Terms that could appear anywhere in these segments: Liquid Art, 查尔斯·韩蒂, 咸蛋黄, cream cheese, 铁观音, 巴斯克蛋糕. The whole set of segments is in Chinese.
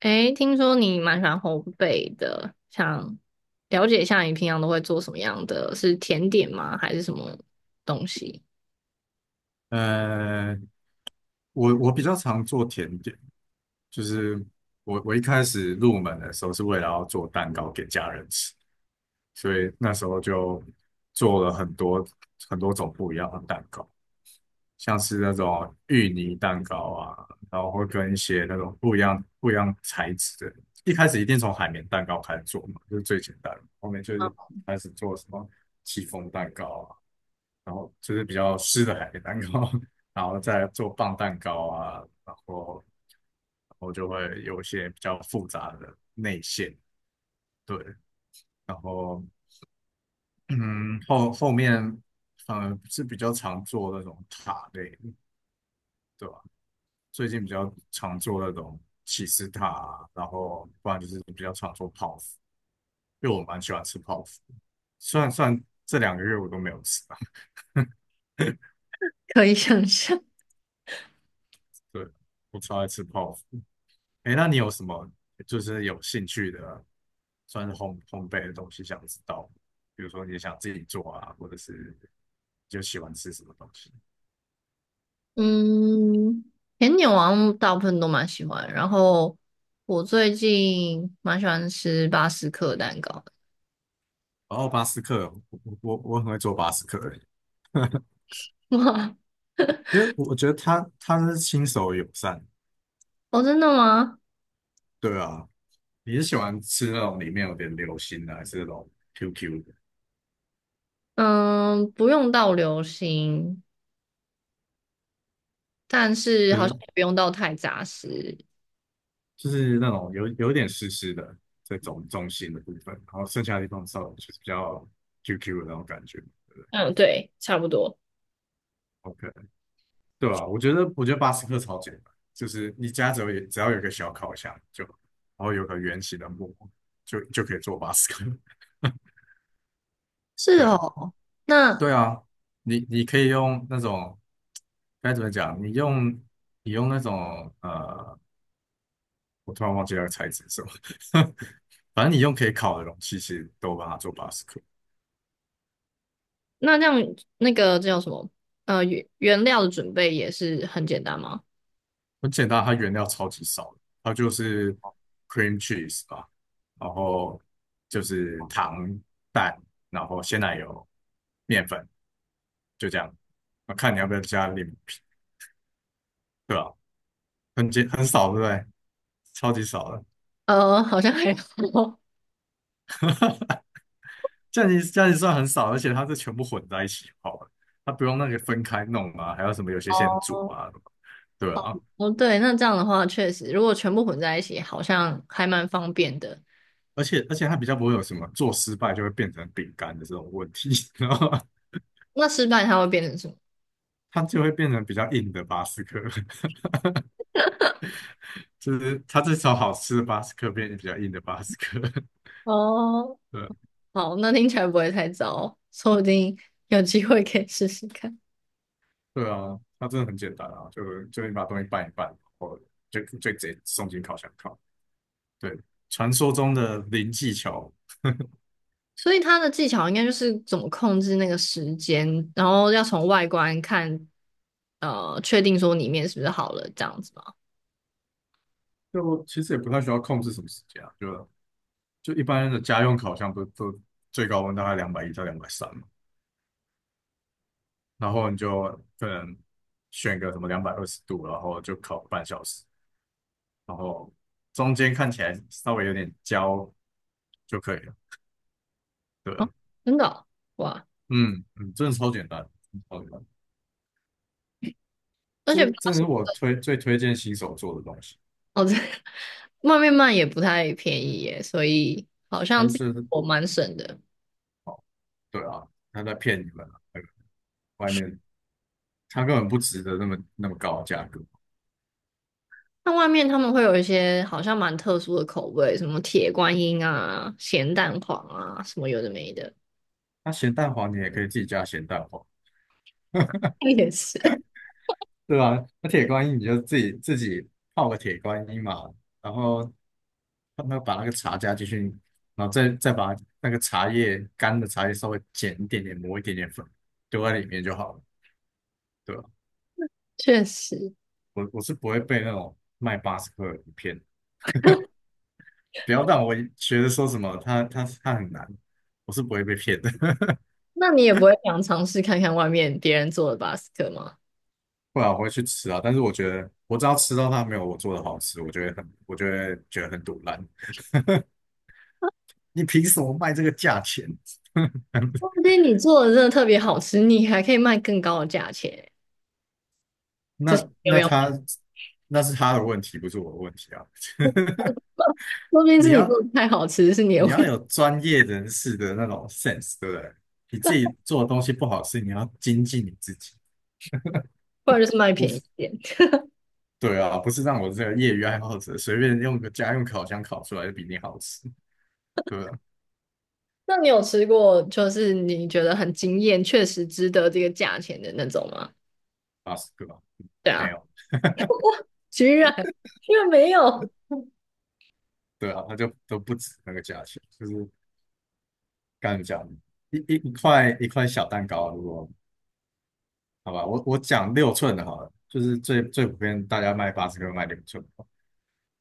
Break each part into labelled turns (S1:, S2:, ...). S1: 诶，听说你蛮喜欢烘焙的，想了解一下你平常都会做什么样的？是甜点吗？还是什么东西？
S2: 呃，我比较常做甜点，就是我一开始入门的时候是为了要做蛋糕给家人吃，所以那时候就做了很多很多种不一样的蛋糕。像是那种芋泥蛋糕啊，然后会跟一些那种不一样材质的。一开始一定从海绵蛋糕开始做嘛，就是最简单的。后面就是开始做什么戚风蛋糕啊，然后就是比较湿的海绵蛋糕，然后再做棒蛋糕啊，然后就会有一些比较复杂的内馅，对。然后后面反而是比较常做那种塔类的，对吧？最近比较常做那种起司塔啊，然后不然就是比较常做泡芙，因为我蛮喜欢吃泡芙。虽然这两个月我都没有吃啊，
S1: 可以想象。
S2: 对，我超爱吃泡芙。哎，那你有什么就是有兴趣的，算是烘焙的东西想知道？比如说你想自己做啊，或者是就喜欢吃什么东西？
S1: 嗯，甜点我好像大部分都蛮喜欢，然后我最近蛮喜欢吃巴斯克蛋糕的。
S2: 然后巴斯克，我很会做巴斯克欸，
S1: 哇，
S2: 因为我觉得他是亲手友善，
S1: 哦，真的吗？
S2: 对啊，你是喜欢吃那种里面有点流心的，还是那种 QQ 的？
S1: 嗯，不用到流心，但是
S2: 就
S1: 好像
S2: 是
S1: 也不用到太扎实。
S2: 就是那种有点湿湿的这种中心的部分，然后剩下的地方稍微就是比较 QQ 的那种感觉。
S1: 嗯，对，差不多。
S2: OK，对啊，我觉得巴斯克超简单，就是你家只要有一个小烤箱就，然后有个圆形的木就可以做巴斯克。
S1: 是
S2: 对
S1: 哦。那
S2: 对啊，你可以用那种该怎么讲？你用那种我突然忘记那个材质是什么。反正你用可以烤的容器，其实都把它做 b a 克，u e
S1: 那这样那个叫什么？原料的准备也是很简单吗？
S2: 很简单，它原料超级少的，它就是 cream cheese 啊，然后就是糖、蛋，然后鲜奶油、面粉，就这样。那看你要不要加柠檬皮，对吧、很少，对不对？超级少的，
S1: 呃，好像还好。
S2: 这样你算很少，而且它是全部混在一起泡的，它不用那个分开弄啊，还有什么有些先煮
S1: 哦。
S2: 啊，对啊，
S1: 哦，对，那这样的话，确实，如果全部混在一起，好像还蛮方便的。
S2: 而且它比较不会有什么做失败就会变成饼干的这种问题，然后
S1: 那失败它会变成什么？
S2: 它就会变成比较硬的巴斯克，就是它这从好吃的巴斯克变成比较硬的巴斯克。
S1: 哦，
S2: 对
S1: 好，那听起来不会太糟，说不定有机会可以试试看。
S2: 对啊，它真的很简单啊，就你把东西拌一拌，然后就直接送进烤箱烤。对，传说中的零技巧，
S1: 所以它的技巧应该就是怎么控制那个时间，然后要从外观看，确定说里面是不是好了，这样子吗？
S2: 就其实也不太需要控制什么时间啊，就一般的家用烤箱不是都最高温大概两百一到两百三嘛。然后你就可能选个什么两百二十度，然后就烤半小时，然后中间看起来稍微有点焦就可以了。对啊，
S1: 真的哦，哇！
S2: 嗯嗯，真的超简单，超简单。
S1: 而且
S2: 这
S1: 八。
S2: 这是我最推荐新手做的东西，
S1: 哦，这 外面卖也不太便宜耶，所以好像
S2: 但
S1: 自己
S2: 是
S1: 我蛮省的。
S2: 对啊，他在骗你们啊，那个外面他根本不值得那么那么高的价格。
S1: 那外面他们会有一些好像蛮特殊的口味，什么铁观音啊、咸蛋黄啊，什么有的没的。
S2: 那咸蛋黄你也可以自己加咸蛋黄，
S1: 也是。
S2: 对啊，那铁观音你就自己泡个铁观音嘛，然后让它把那个茶加进去，然后再把那个茶叶干的茶叶稍微剪一点点，磨一点点粉，丢在里面就好了，对吧？
S1: 确实。
S2: 我是不会被那种卖八十克的骗，不要让我觉得说什么他很难，我是不会被骗的，
S1: 那你也不会想尝试看看外面别人做的巴斯克吗？
S2: 不然我会去吃啊。但是我觉得我只要吃到它没有我做的好吃，我就会觉得很堵烂。你凭什么卖这个价钱？
S1: 说不 定你做的真的特别好吃，你还可以卖更高的价钱。这是
S2: 那
S1: 没有
S2: 那
S1: 要
S2: 他
S1: 卖。
S2: 那是他的问题，不是我的问题啊。
S1: 说不 定
S2: 你
S1: 是你
S2: 要
S1: 做的太好吃，是你的
S2: 你
S1: 问
S2: 要
S1: 题，
S2: 有专业人士的那种 sense，对不对？你自己做的东西不好吃，你要精进你自己，
S1: 不然就是卖
S2: 不
S1: 便
S2: 是？
S1: 宜。点。
S2: 对啊，不是让我这个业余爱好者随便用个家用烤箱烤出来就比你好吃，对不对？
S1: 那你有吃过就是你觉得很惊艳，确实值得这个价钱的那种吗？
S2: 八十个吧，
S1: 对
S2: 没
S1: 啊，
S2: 有，
S1: 居然，居然没有。
S2: 对啊，它就都不止那个价钱，就是刚才讲一块一块小蛋糕啊，如果好吧，我讲六寸的好了，就是最普遍大家卖八十个卖六寸的，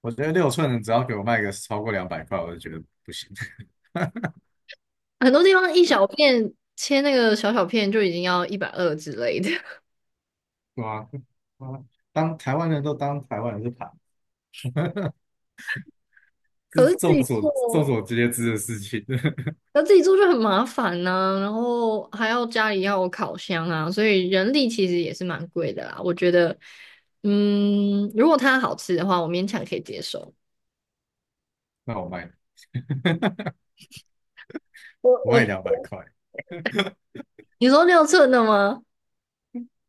S2: 我觉得六寸的只要给我卖个超过两百块，我就觉得不行。
S1: 很多地方一小片切那个小小片就已经要120之类的，
S2: 哇哇，当台湾人都当台湾人是盘，这
S1: 可
S2: 是
S1: 是自
S2: 众
S1: 己做，
S2: 所众所皆知的事情。
S1: 那自己做就很麻烦呐、然后还要家里要有烤箱啊，所以人力其实也是蛮贵的啦。我觉得，嗯，如果它好吃的话，我勉强可以接受。
S2: 那我卖，
S1: 我
S2: 我
S1: 我，
S2: 卖两百块，
S1: 你说6寸的吗？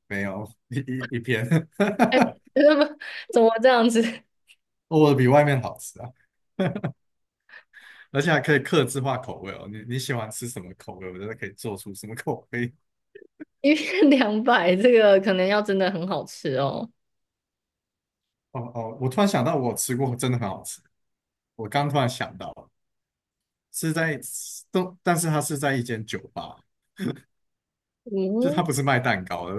S2: 没有一片，
S1: 么怎么这样子？
S2: 我的比外面好吃啊，而且还可以客制化口味哦。你喜欢吃什么口味，我觉得可以做出什么口味。
S1: 一片200，这个可能要真的很好吃哦。
S2: 哦哦，我突然想到，我吃过真的很好吃。我刚突然想到，是在都，但是它是在一间酒吧，就它
S1: 嗯，
S2: 不是卖蛋糕的，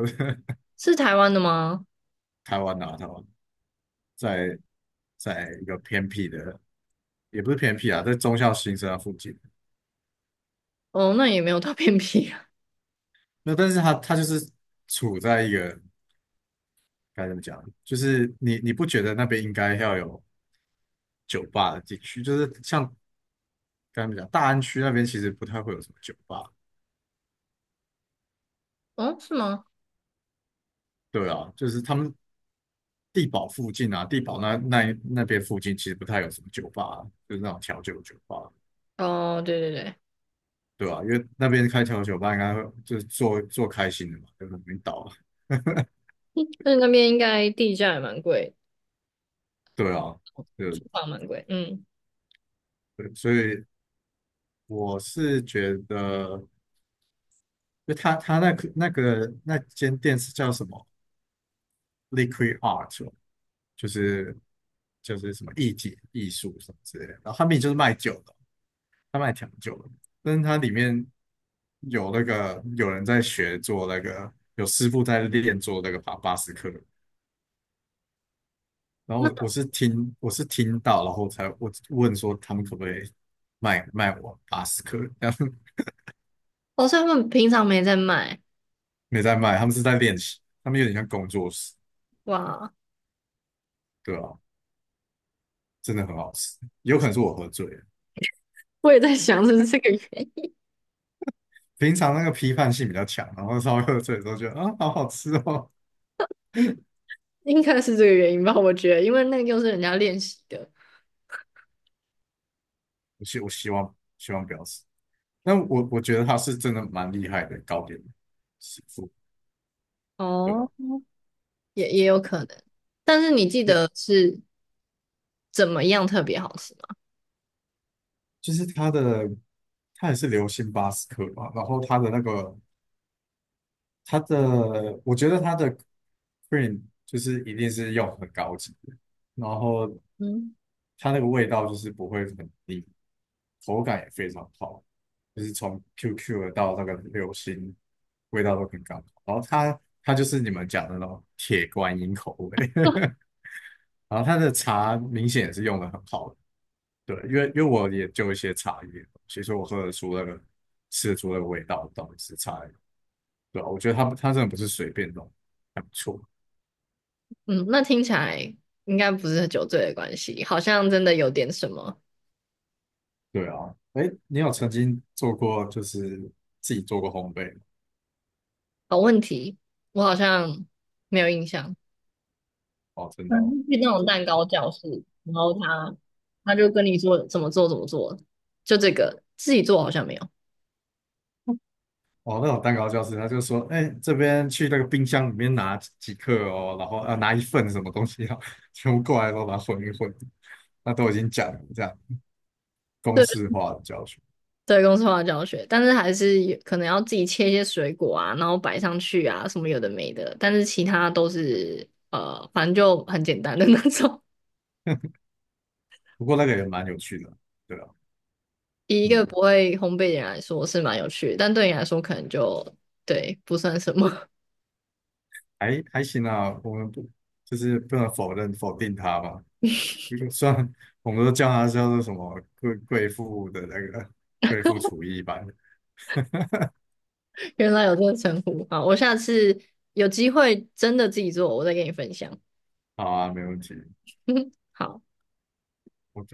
S1: 是台湾的吗？
S2: 台湾啊，台湾在在一个偏僻的，也不是偏僻啊，在中校新生那附近。
S1: 哦，那也没有到 偏僻啊。
S2: 那但是它就是处在一个该怎么讲，就是你不觉得那边应该要有酒吧的地区？就是像该怎么讲，大安区那边其实不太会有什么酒吧，
S1: 哦，是吗？
S2: 对啊，就是他们地堡附近啊，地堡那边附近其实不太有什么酒吧，就是那种调酒酒吧，
S1: 哦，对对对。
S2: 对啊，因为那边开调酒吧应该会就是做做开心的嘛，就是领导，
S1: 那那边应该地价也蛮贵，
S2: 对啊，对
S1: 租房蛮贵。嗯。
S2: 对，所以我是觉得，就他那个那间店是叫什么 Liquid Art，哦就是什么艺体艺术什么之类的。然后他们就是卖酒的，他卖调酒的，但是它里面有那个有人在学做那个，有师傅在练做那个巴斯克。然后我我
S1: 那
S2: 是听我是听到，然后才我问说他们可不可以卖我巴斯克，然后
S1: 好像他们平常没在卖。
S2: 没在卖，他们是在练习，他们有点像工作室。
S1: 哇，
S2: 对啊，真的很好吃，有可能是我喝醉了。
S1: 我也在想是不是这个原
S2: 平常那个批判性比较强，然后稍微喝醉的时候觉得啊，好好吃哦。
S1: 因，应该是这个原因吧？我觉得，因为那个又是人家练习的。
S2: 我希望不要死，但我觉得它是真的蛮厉害的糕点师傅，对吧？
S1: 哦，也也有可能。但是你记
S2: 哎，
S1: 得是怎么样特别好吃吗？
S2: 就是它的，它也是流心巴斯克嘛，然后它的那个它的，我觉得它的 cream 就是一定是用很高级的，然后
S1: 嗯。
S2: 它那个味道就是不会很腻，口感也非常好，就是从 QQ 的到那个流心，味道都很刚好。然后它就是你们讲的那种铁观音口味，然后它的茶明显也是用的很好的，对，因为我也就一些茶叶的东西其实我喝得出那个吃得出那个味道到底是茶叶，对啊，我觉得它真的不是随便弄，还不错。
S1: 嗯，那听起来应该不是酒醉的关系，好像真的有点什么。
S2: 对啊，哎，你有曾经做过就是自己做过烘焙吗？
S1: 好问题，我好像没有印象。
S2: 哦，真的哦。
S1: 嗯，去那种蛋糕教室，然后他就跟你说怎么做怎么做，就这个自己做好像没有。
S2: 哦，那种蛋糕教室，他就说，哎、这边去那个冰箱里面拿几克哦，然后啊拿一份什么东西啊，全部过来都把它混一混，那都已经讲了这样公
S1: 对，
S2: 式化的教学。
S1: 对，公司化教学，但是还是有可能要自己切一些水果啊，然后摆上去啊，什么有的没的，但是其他都是反正就很简单的那种。
S2: 不过那个也蛮有趣的，对啊，
S1: 以一
S2: 嗯，
S1: 个不会烘焙的人来说是蛮有趣的，但对你来说可能就对不算什么。
S2: 还行啊，我们不就是不能否定他嘛，因为虽然我们都叫他叫做什么贵妇的那个贵妇厨艺班，
S1: 原来有这个称呼，好，我下次有机会真的自己做，我再跟你分享。
S2: 好啊，没问题。
S1: 好。